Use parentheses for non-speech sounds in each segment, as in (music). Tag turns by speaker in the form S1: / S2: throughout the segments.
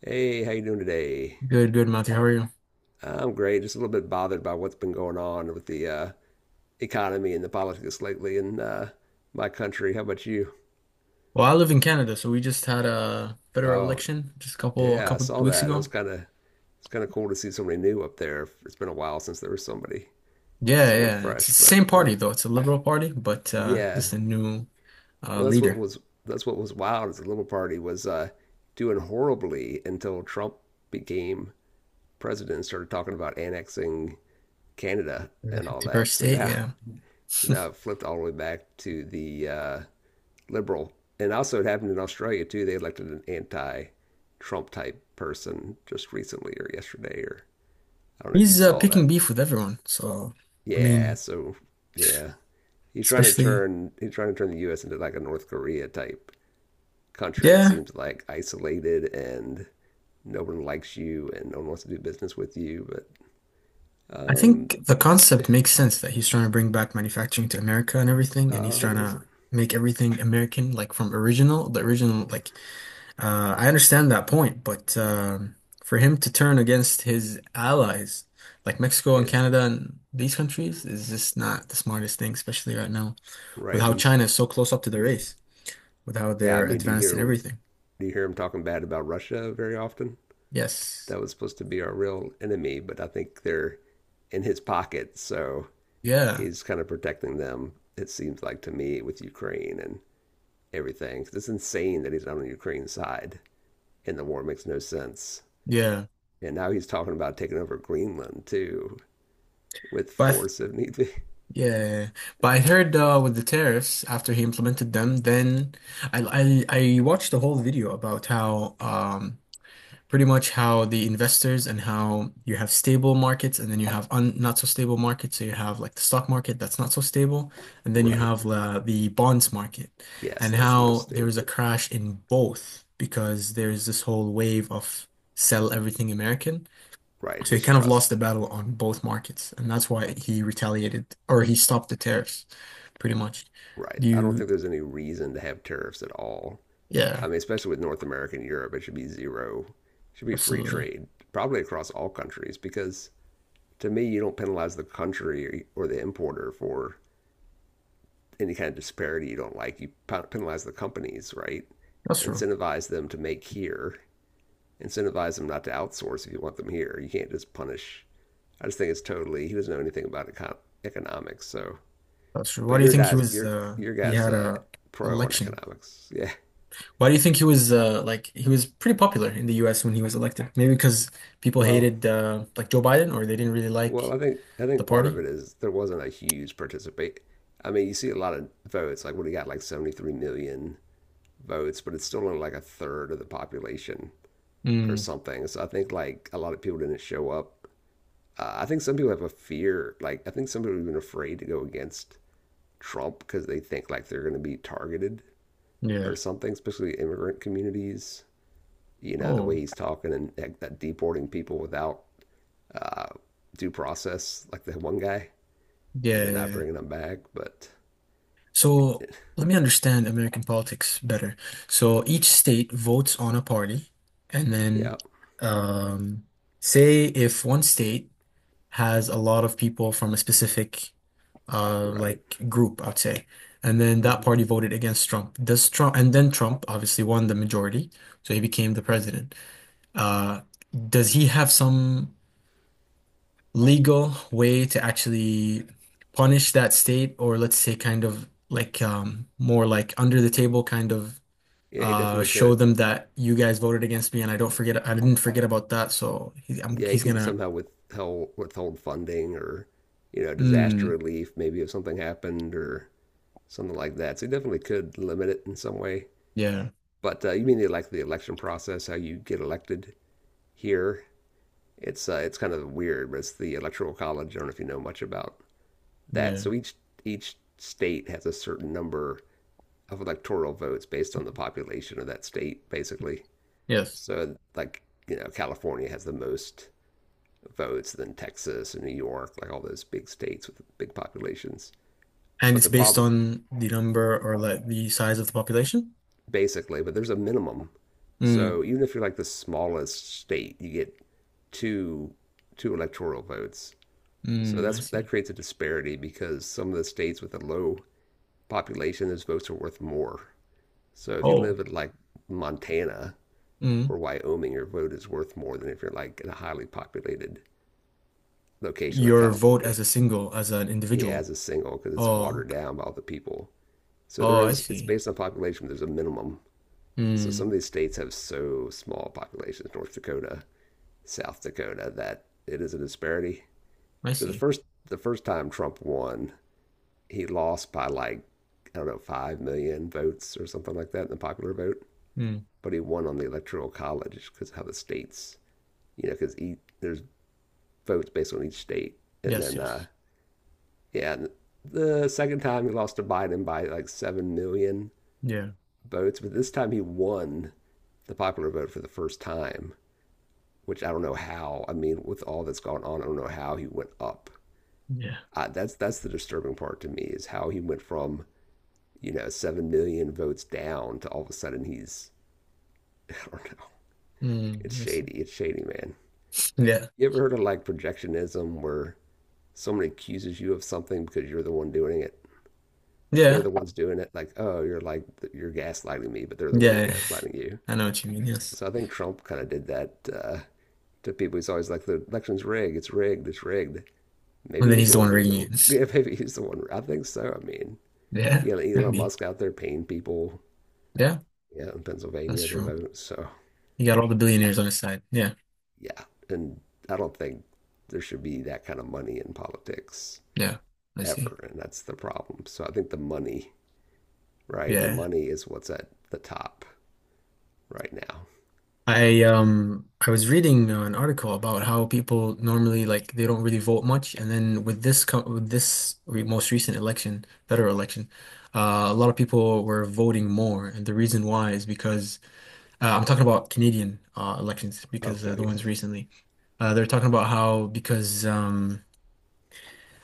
S1: Hey, how you doing today?
S2: Good, good, Matthew. How are you?
S1: I'm great. Just a little bit bothered by what's been going on with the economy and the politics lately in my country. How about you?
S2: Well, I live in Canada, so we just had a federal
S1: Oh,
S2: election just a couple
S1: yeah, I
S2: couple
S1: saw
S2: weeks
S1: that. I was
S2: ago.
S1: kind of It's kind of cool to see somebody new up there. It's been a while since there was somebody
S2: Yeah,
S1: someone
S2: yeah. It's the
S1: fresh, but
S2: same party though. It's a Liberal Party, but
S1: yeah.
S2: just a new
S1: Well,
S2: leader.
S1: that's what was wild. Is the Liberal Party was doing horribly until Trump became president and started talking about annexing Canada
S2: The
S1: and all that.
S2: 51st state, yeah.
S1: So
S2: (laughs)
S1: now it flipped all the way back to the liberal. And also, it happened in Australia too. They elected an anti Trump type person just recently or yesterday, or I don't know if you
S2: He's
S1: saw
S2: picking
S1: that.
S2: beef with everyone. So, I
S1: Yeah,
S2: mean,
S1: so yeah.
S2: especially
S1: He's trying to turn the US into like a North Korea type country. It
S2: yeah,
S1: seems like isolated and no one likes you and no one wants to do business with you. But
S2: I
S1: um
S2: think the concept makes sense that he's trying to bring back manufacturing to America and everything, and he's
S1: oh
S2: trying
S1: does it
S2: to make everything American, like from original, the original like I understand that point, but for him to turn against his allies like Mexico and
S1: yeah,
S2: Canada and these countries is just not the smartest thing, especially right now with
S1: right.
S2: how
S1: He's
S2: China is so close up to the race, with how
S1: yeah, I
S2: they're
S1: mean
S2: advanced in everything.
S1: do you hear him talking bad about Russia very often?
S2: Yes.
S1: That was supposed to be our real enemy, but I think they're in his pocket, so
S2: Yeah.
S1: he's kind of protecting them. It seems like to me with Ukraine and everything. 'Cause it's insane that he's on Ukraine's side, and the war makes no sense.
S2: Yeah.
S1: And now he's talking about taking over Greenland too, with
S2: But I th-
S1: force if need be. (laughs)
S2: yeah, but I heard with the tariffs after he implemented them, then I watched a whole video about how pretty much how the investors and how you have stable markets and then you have un not so stable markets. So you have like the stock market that's not so stable, and then you
S1: Right.
S2: have the bonds market,
S1: Yes,
S2: and
S1: that's the most
S2: how there is a
S1: stable.
S2: crash in both because there's this whole wave of sell everything American.
S1: Right.
S2: So he kind of lost the
S1: Distrust.
S2: battle on both markets, and that's why he retaliated or he stopped the tariffs, pretty much.
S1: Right.
S2: Do
S1: I don't
S2: you,
S1: think there's any reason to have tariffs at all.
S2: yeah,
S1: I mean, especially with North America and Europe, it should be zero. It should be free
S2: absolutely.
S1: trade, probably across all countries, because to me, you don't penalize the country or the importer for any kind of disparity you don't like. You penalize the companies, right?
S2: That's true.
S1: Incentivize them to make here. Incentivize them not to outsource if you want them here. You can't just punish. I just think it's totally. He doesn't know anything about economics. So,
S2: That's true. Why
S1: but
S2: do you think he was
S1: your
S2: he
S1: guys,
S2: had a
S1: pro on
S2: election?
S1: economics. Yeah.
S2: Why do you think he was like he was pretty popular in the U.S. when he was elected? Maybe because people
S1: Well,
S2: hated like Joe Biden, or they didn't really like
S1: Well, I
S2: the
S1: think part of
S2: party.
S1: it is there wasn't a huge participate. I mean, you see a lot of votes, like when he got like 73 million votes, but it's still only like a third of the population or
S2: Mm,
S1: something. So I think like a lot of people didn't show up. I think some people have a fear, like I think some people have been afraid to go against Trump because they think like they're going to be targeted or
S2: yeah.
S1: something, especially immigrant communities. You know, the way
S2: Oh,
S1: he's talking and like, that deporting people without uh, due process, like the one guy and
S2: yeah,
S1: then
S2: yeah,
S1: not
S2: yeah.
S1: bringing them back. But
S2: So let me understand American politics better. So each state votes on a party, and then
S1: yeah,
S2: um, say if one state has a lot of people from a specific
S1: right.
S2: like group, I'd say. And then that
S1: Hmm.
S2: party voted against Trump. Does Trump and then Trump obviously won the majority, so he became the president. Uh, does he have some legal way to actually punish that state, or let's say kind of like more like under the table kind of
S1: Yeah, he definitely
S2: show
S1: could.
S2: them that you guys voted against me and I didn't forget about that, so
S1: Yeah, he
S2: he's
S1: could
S2: gonna
S1: somehow withhold funding or you know
S2: mm,
S1: disaster relief maybe if something happened or something like that. So he definitely could limit it in some way.
S2: yeah,
S1: But you mean like the election process, how you get elected here? It's kind of weird, but it's the electoral college. I don't know if you know much about that.
S2: yeah,
S1: So each state has a certain number of electoral votes based on the population of that state, basically.
S2: yes.
S1: So like you know, California has the most votes than Texas and New York, like all those big states with big populations.
S2: And
S1: But
S2: it's
S1: the
S2: based
S1: problem,
S2: on the number or like the size of the population?
S1: basically, but there's a minimum.
S2: Mm,
S1: So even if you're like the smallest state, you get two two electoral votes. So
S2: mm, I
S1: that's that
S2: see.
S1: creates a disparity because some of the states with a low population, those votes are worth more. So if you
S2: Oh,
S1: live in like Montana
S2: mm.
S1: or Wyoming, your vote is worth more than if you're like in a highly populated location like
S2: Your vote
S1: California.
S2: as a single, as an
S1: Yeah,
S2: individual.
S1: as a single because it's
S2: Oh,
S1: watered
S2: okay.
S1: down by all the people. So
S2: Oh,
S1: there
S2: I
S1: is, it's
S2: see.
S1: based on population, there's a minimum. So some
S2: Mm,
S1: of these states have so small populations, North Dakota, South Dakota, that it is a disparity.
S2: I
S1: So the
S2: see.
S1: first, the first time Trump won, he lost by like, I don't know, 5 million votes or something like that in the popular vote.
S2: Mm,
S1: But he won on the electoral college because of how the states, you know, because there's votes based on each state. And
S2: yes,
S1: then
S2: yes.
S1: Yeah, the second time he lost to Biden by like 7 million
S2: Yeah,
S1: votes, but this time he won the popular vote for the first time, which I don't know how. I mean, with all that's gone on, I don't know how he went up.
S2: yeah.
S1: That's the disturbing part to me is how he went from you know 7 million votes down to all of a sudden he's (laughs) I don't know. It's
S2: Mm, I see.
S1: shady. Man.
S2: Yeah,
S1: You ever heard of like projectionism where someone accuses you of something because you're the one doing it? They're
S2: yeah,
S1: the ones doing it. Like, oh, you're gaslighting me, but they're the ones
S2: yeah.
S1: gaslighting you.
S2: (laughs) I know what you mean, yes.
S1: So I think Trump kind of did that to people. He's always like, the election's rigged. It's rigged. It's rigged.
S2: And
S1: Maybe
S2: then
S1: he's
S2: he's
S1: the
S2: the
S1: one
S2: one
S1: doing
S2: rigging
S1: the.
S2: it.
S1: (laughs) Yeah,
S2: (laughs)
S1: maybe he's the one. I think so. I mean,
S2: Yeah,
S1: you got
S2: could
S1: Elon
S2: be.
S1: Musk out there paying people,
S2: Yeah,
S1: yeah, in
S2: that's
S1: Pennsylvania to
S2: true.
S1: vote. So
S2: He got all the billionaires on his side. Yeah,
S1: yeah, and I don't think there should be that kind of money in politics
S2: yeah, I see.
S1: ever, and that's the problem. So I think the money, right? The
S2: Yeah.
S1: money is what's at the top right now.
S2: I I was reading an article about how people normally like they don't really vote much, and then with this co with this re most recent election, federal election, a lot of people were voting more, and the reason why is because I'm talking about Canadian elections because the
S1: Okay.
S2: ones
S1: Yes.
S2: recently, they're talking about how because um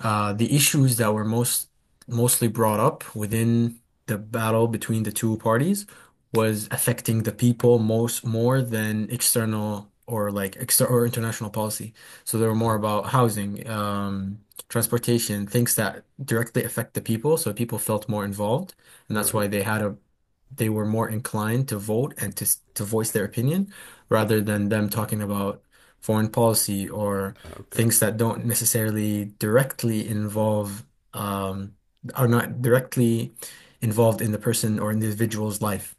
S2: uh, the issues that were mostly brought up within the battle between the two parties was affecting the people most more than external or like exter or international policy. So they were more
S1: Oh,
S2: about housing, transportation, things that directly affect the people. So people felt more involved, and that's why
S1: right.
S2: they had a they were more inclined to vote and to voice their opinion rather than them talking about foreign policy or
S1: Okay.
S2: things that don't necessarily directly involve um, are not directly involved in the person or individual's life.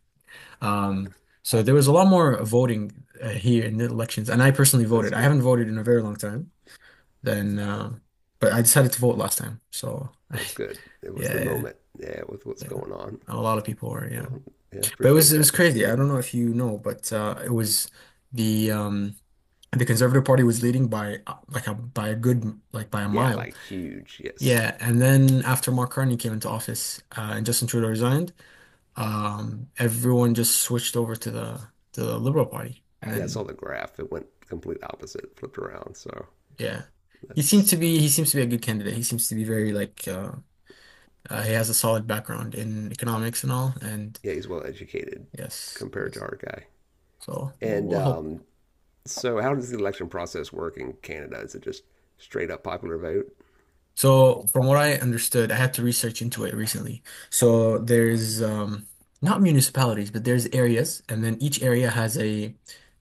S2: Um, so there was a lot more voting here in the elections, and I personally
S1: That's
S2: voted. I
S1: good.
S2: haven't voted in a very long time, then, but I decided to vote last time. So (laughs)
S1: That's good. It was the
S2: yeah, yeah,
S1: moment. Yeah, with what's
S2: yeah.
S1: going on.
S2: A lot of people were, yeah.
S1: Well, yeah, I
S2: But
S1: appreciate
S2: it was
S1: that. That's
S2: crazy. I
S1: good.
S2: don't know if you know, but it was the um, the Conservative Party was leading by like a by a good by a
S1: Yeah,
S2: mile.
S1: like huge. Yes.
S2: Yeah, and then after Mark Carney came into office and Justin Trudeau resigned, everyone just switched over to the Liberal Party, and
S1: Yeah, I saw
S2: then
S1: the graph. It went complete opposite, flipped around. So
S2: yeah,
S1: that's,
S2: he seems to be a good candidate. He seems to be very like he has a solid background in economics and all, and
S1: yeah, he's well educated
S2: yes,
S1: compared to
S2: yes.
S1: our guy.
S2: So
S1: And
S2: we'll hope.
S1: so, how does the election process work in Canada? Is it just straight up popular vote?
S2: So, from what I understood, I had to research into it recently. So, there's not municipalities, but there's areas, and then each area has a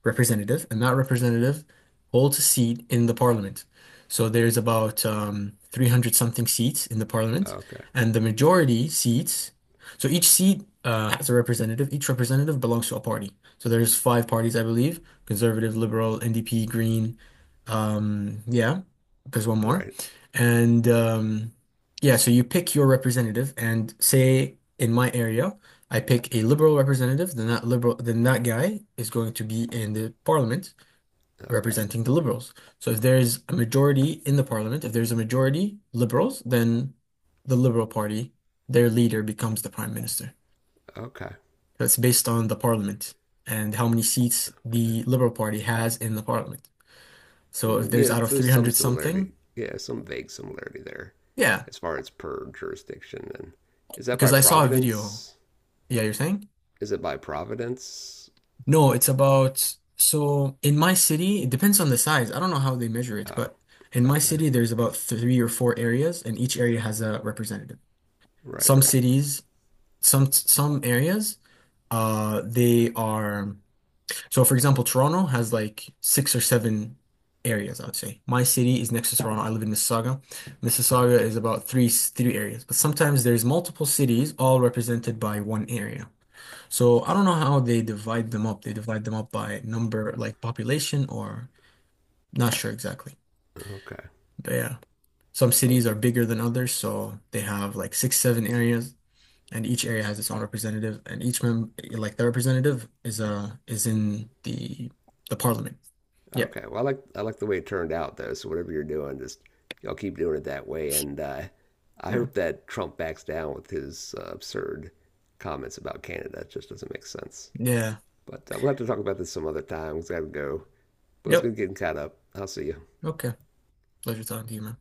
S2: representative, and that representative holds a seat in the parliament. So, there's about 300 something seats in the parliament,
S1: Okay.
S2: and the majority seats. So, each seat has a representative. Each representative belongs to a party. So, there's five parties, I believe: conservative, liberal, NDP, Green. Um, yeah, there's one more.
S1: Right.
S2: And yeah, so you pick your representative, and say in my area, I pick a liberal representative. Then that guy is going to be in the parliament
S1: Okay.
S2: representing the liberals. So if there's a majority in the parliament, if there's a majority liberals, then the Liberal Party, their leader becomes the prime minister.
S1: Okay.
S2: So it's based on the parliament and how many seats
S1: Okay.
S2: the Liberal Party has in the parliament. So if
S1: Mm,
S2: there's
S1: yeah,
S2: out of
S1: there's some
S2: 300 something,
S1: similarity. Yeah, some vague similarity there
S2: yeah,
S1: as far as per jurisdiction. And is that
S2: because
S1: by
S2: I saw a video.
S1: Providence?
S2: Yeah, you're saying?
S1: Is it by Providence?
S2: No, it's about so in my city, it depends on the size. I don't know how they measure it,
S1: Oh,
S2: but in my
S1: okay.
S2: city, there's about three or four areas, and each area has a representative.
S1: Right,
S2: Some
S1: right.
S2: cities, some areas, they are so. For example, Toronto has like six or seven areas, I would say. My city is next to Toronto. I live in Mississauga. Mississauga
S1: Okay,
S2: is about three areas, but sometimes there's multiple cities all represented by one area. So I don't know how they divide them up. They divide them up by number, like population, or not sure exactly.
S1: okay.
S2: But yeah, some
S1: Well,
S2: cities are bigger than others, so they have like six, seven areas, and each area has its own representative, and each member, like the representative, is in the parliament. Yeah,
S1: okay. Well, I like the way it turned out though. So whatever you're doing, just y'all keep doing it that way. And I
S2: yeah,
S1: hope that Trump backs down with his absurd comments about Canada. It just doesn't make sense.
S2: yeah.
S1: But we'll have to talk about this some other time. We've got to go. But it's
S2: Yep.
S1: going to get caught up. I'll see you.
S2: Okay. Pleasure talking to you, man.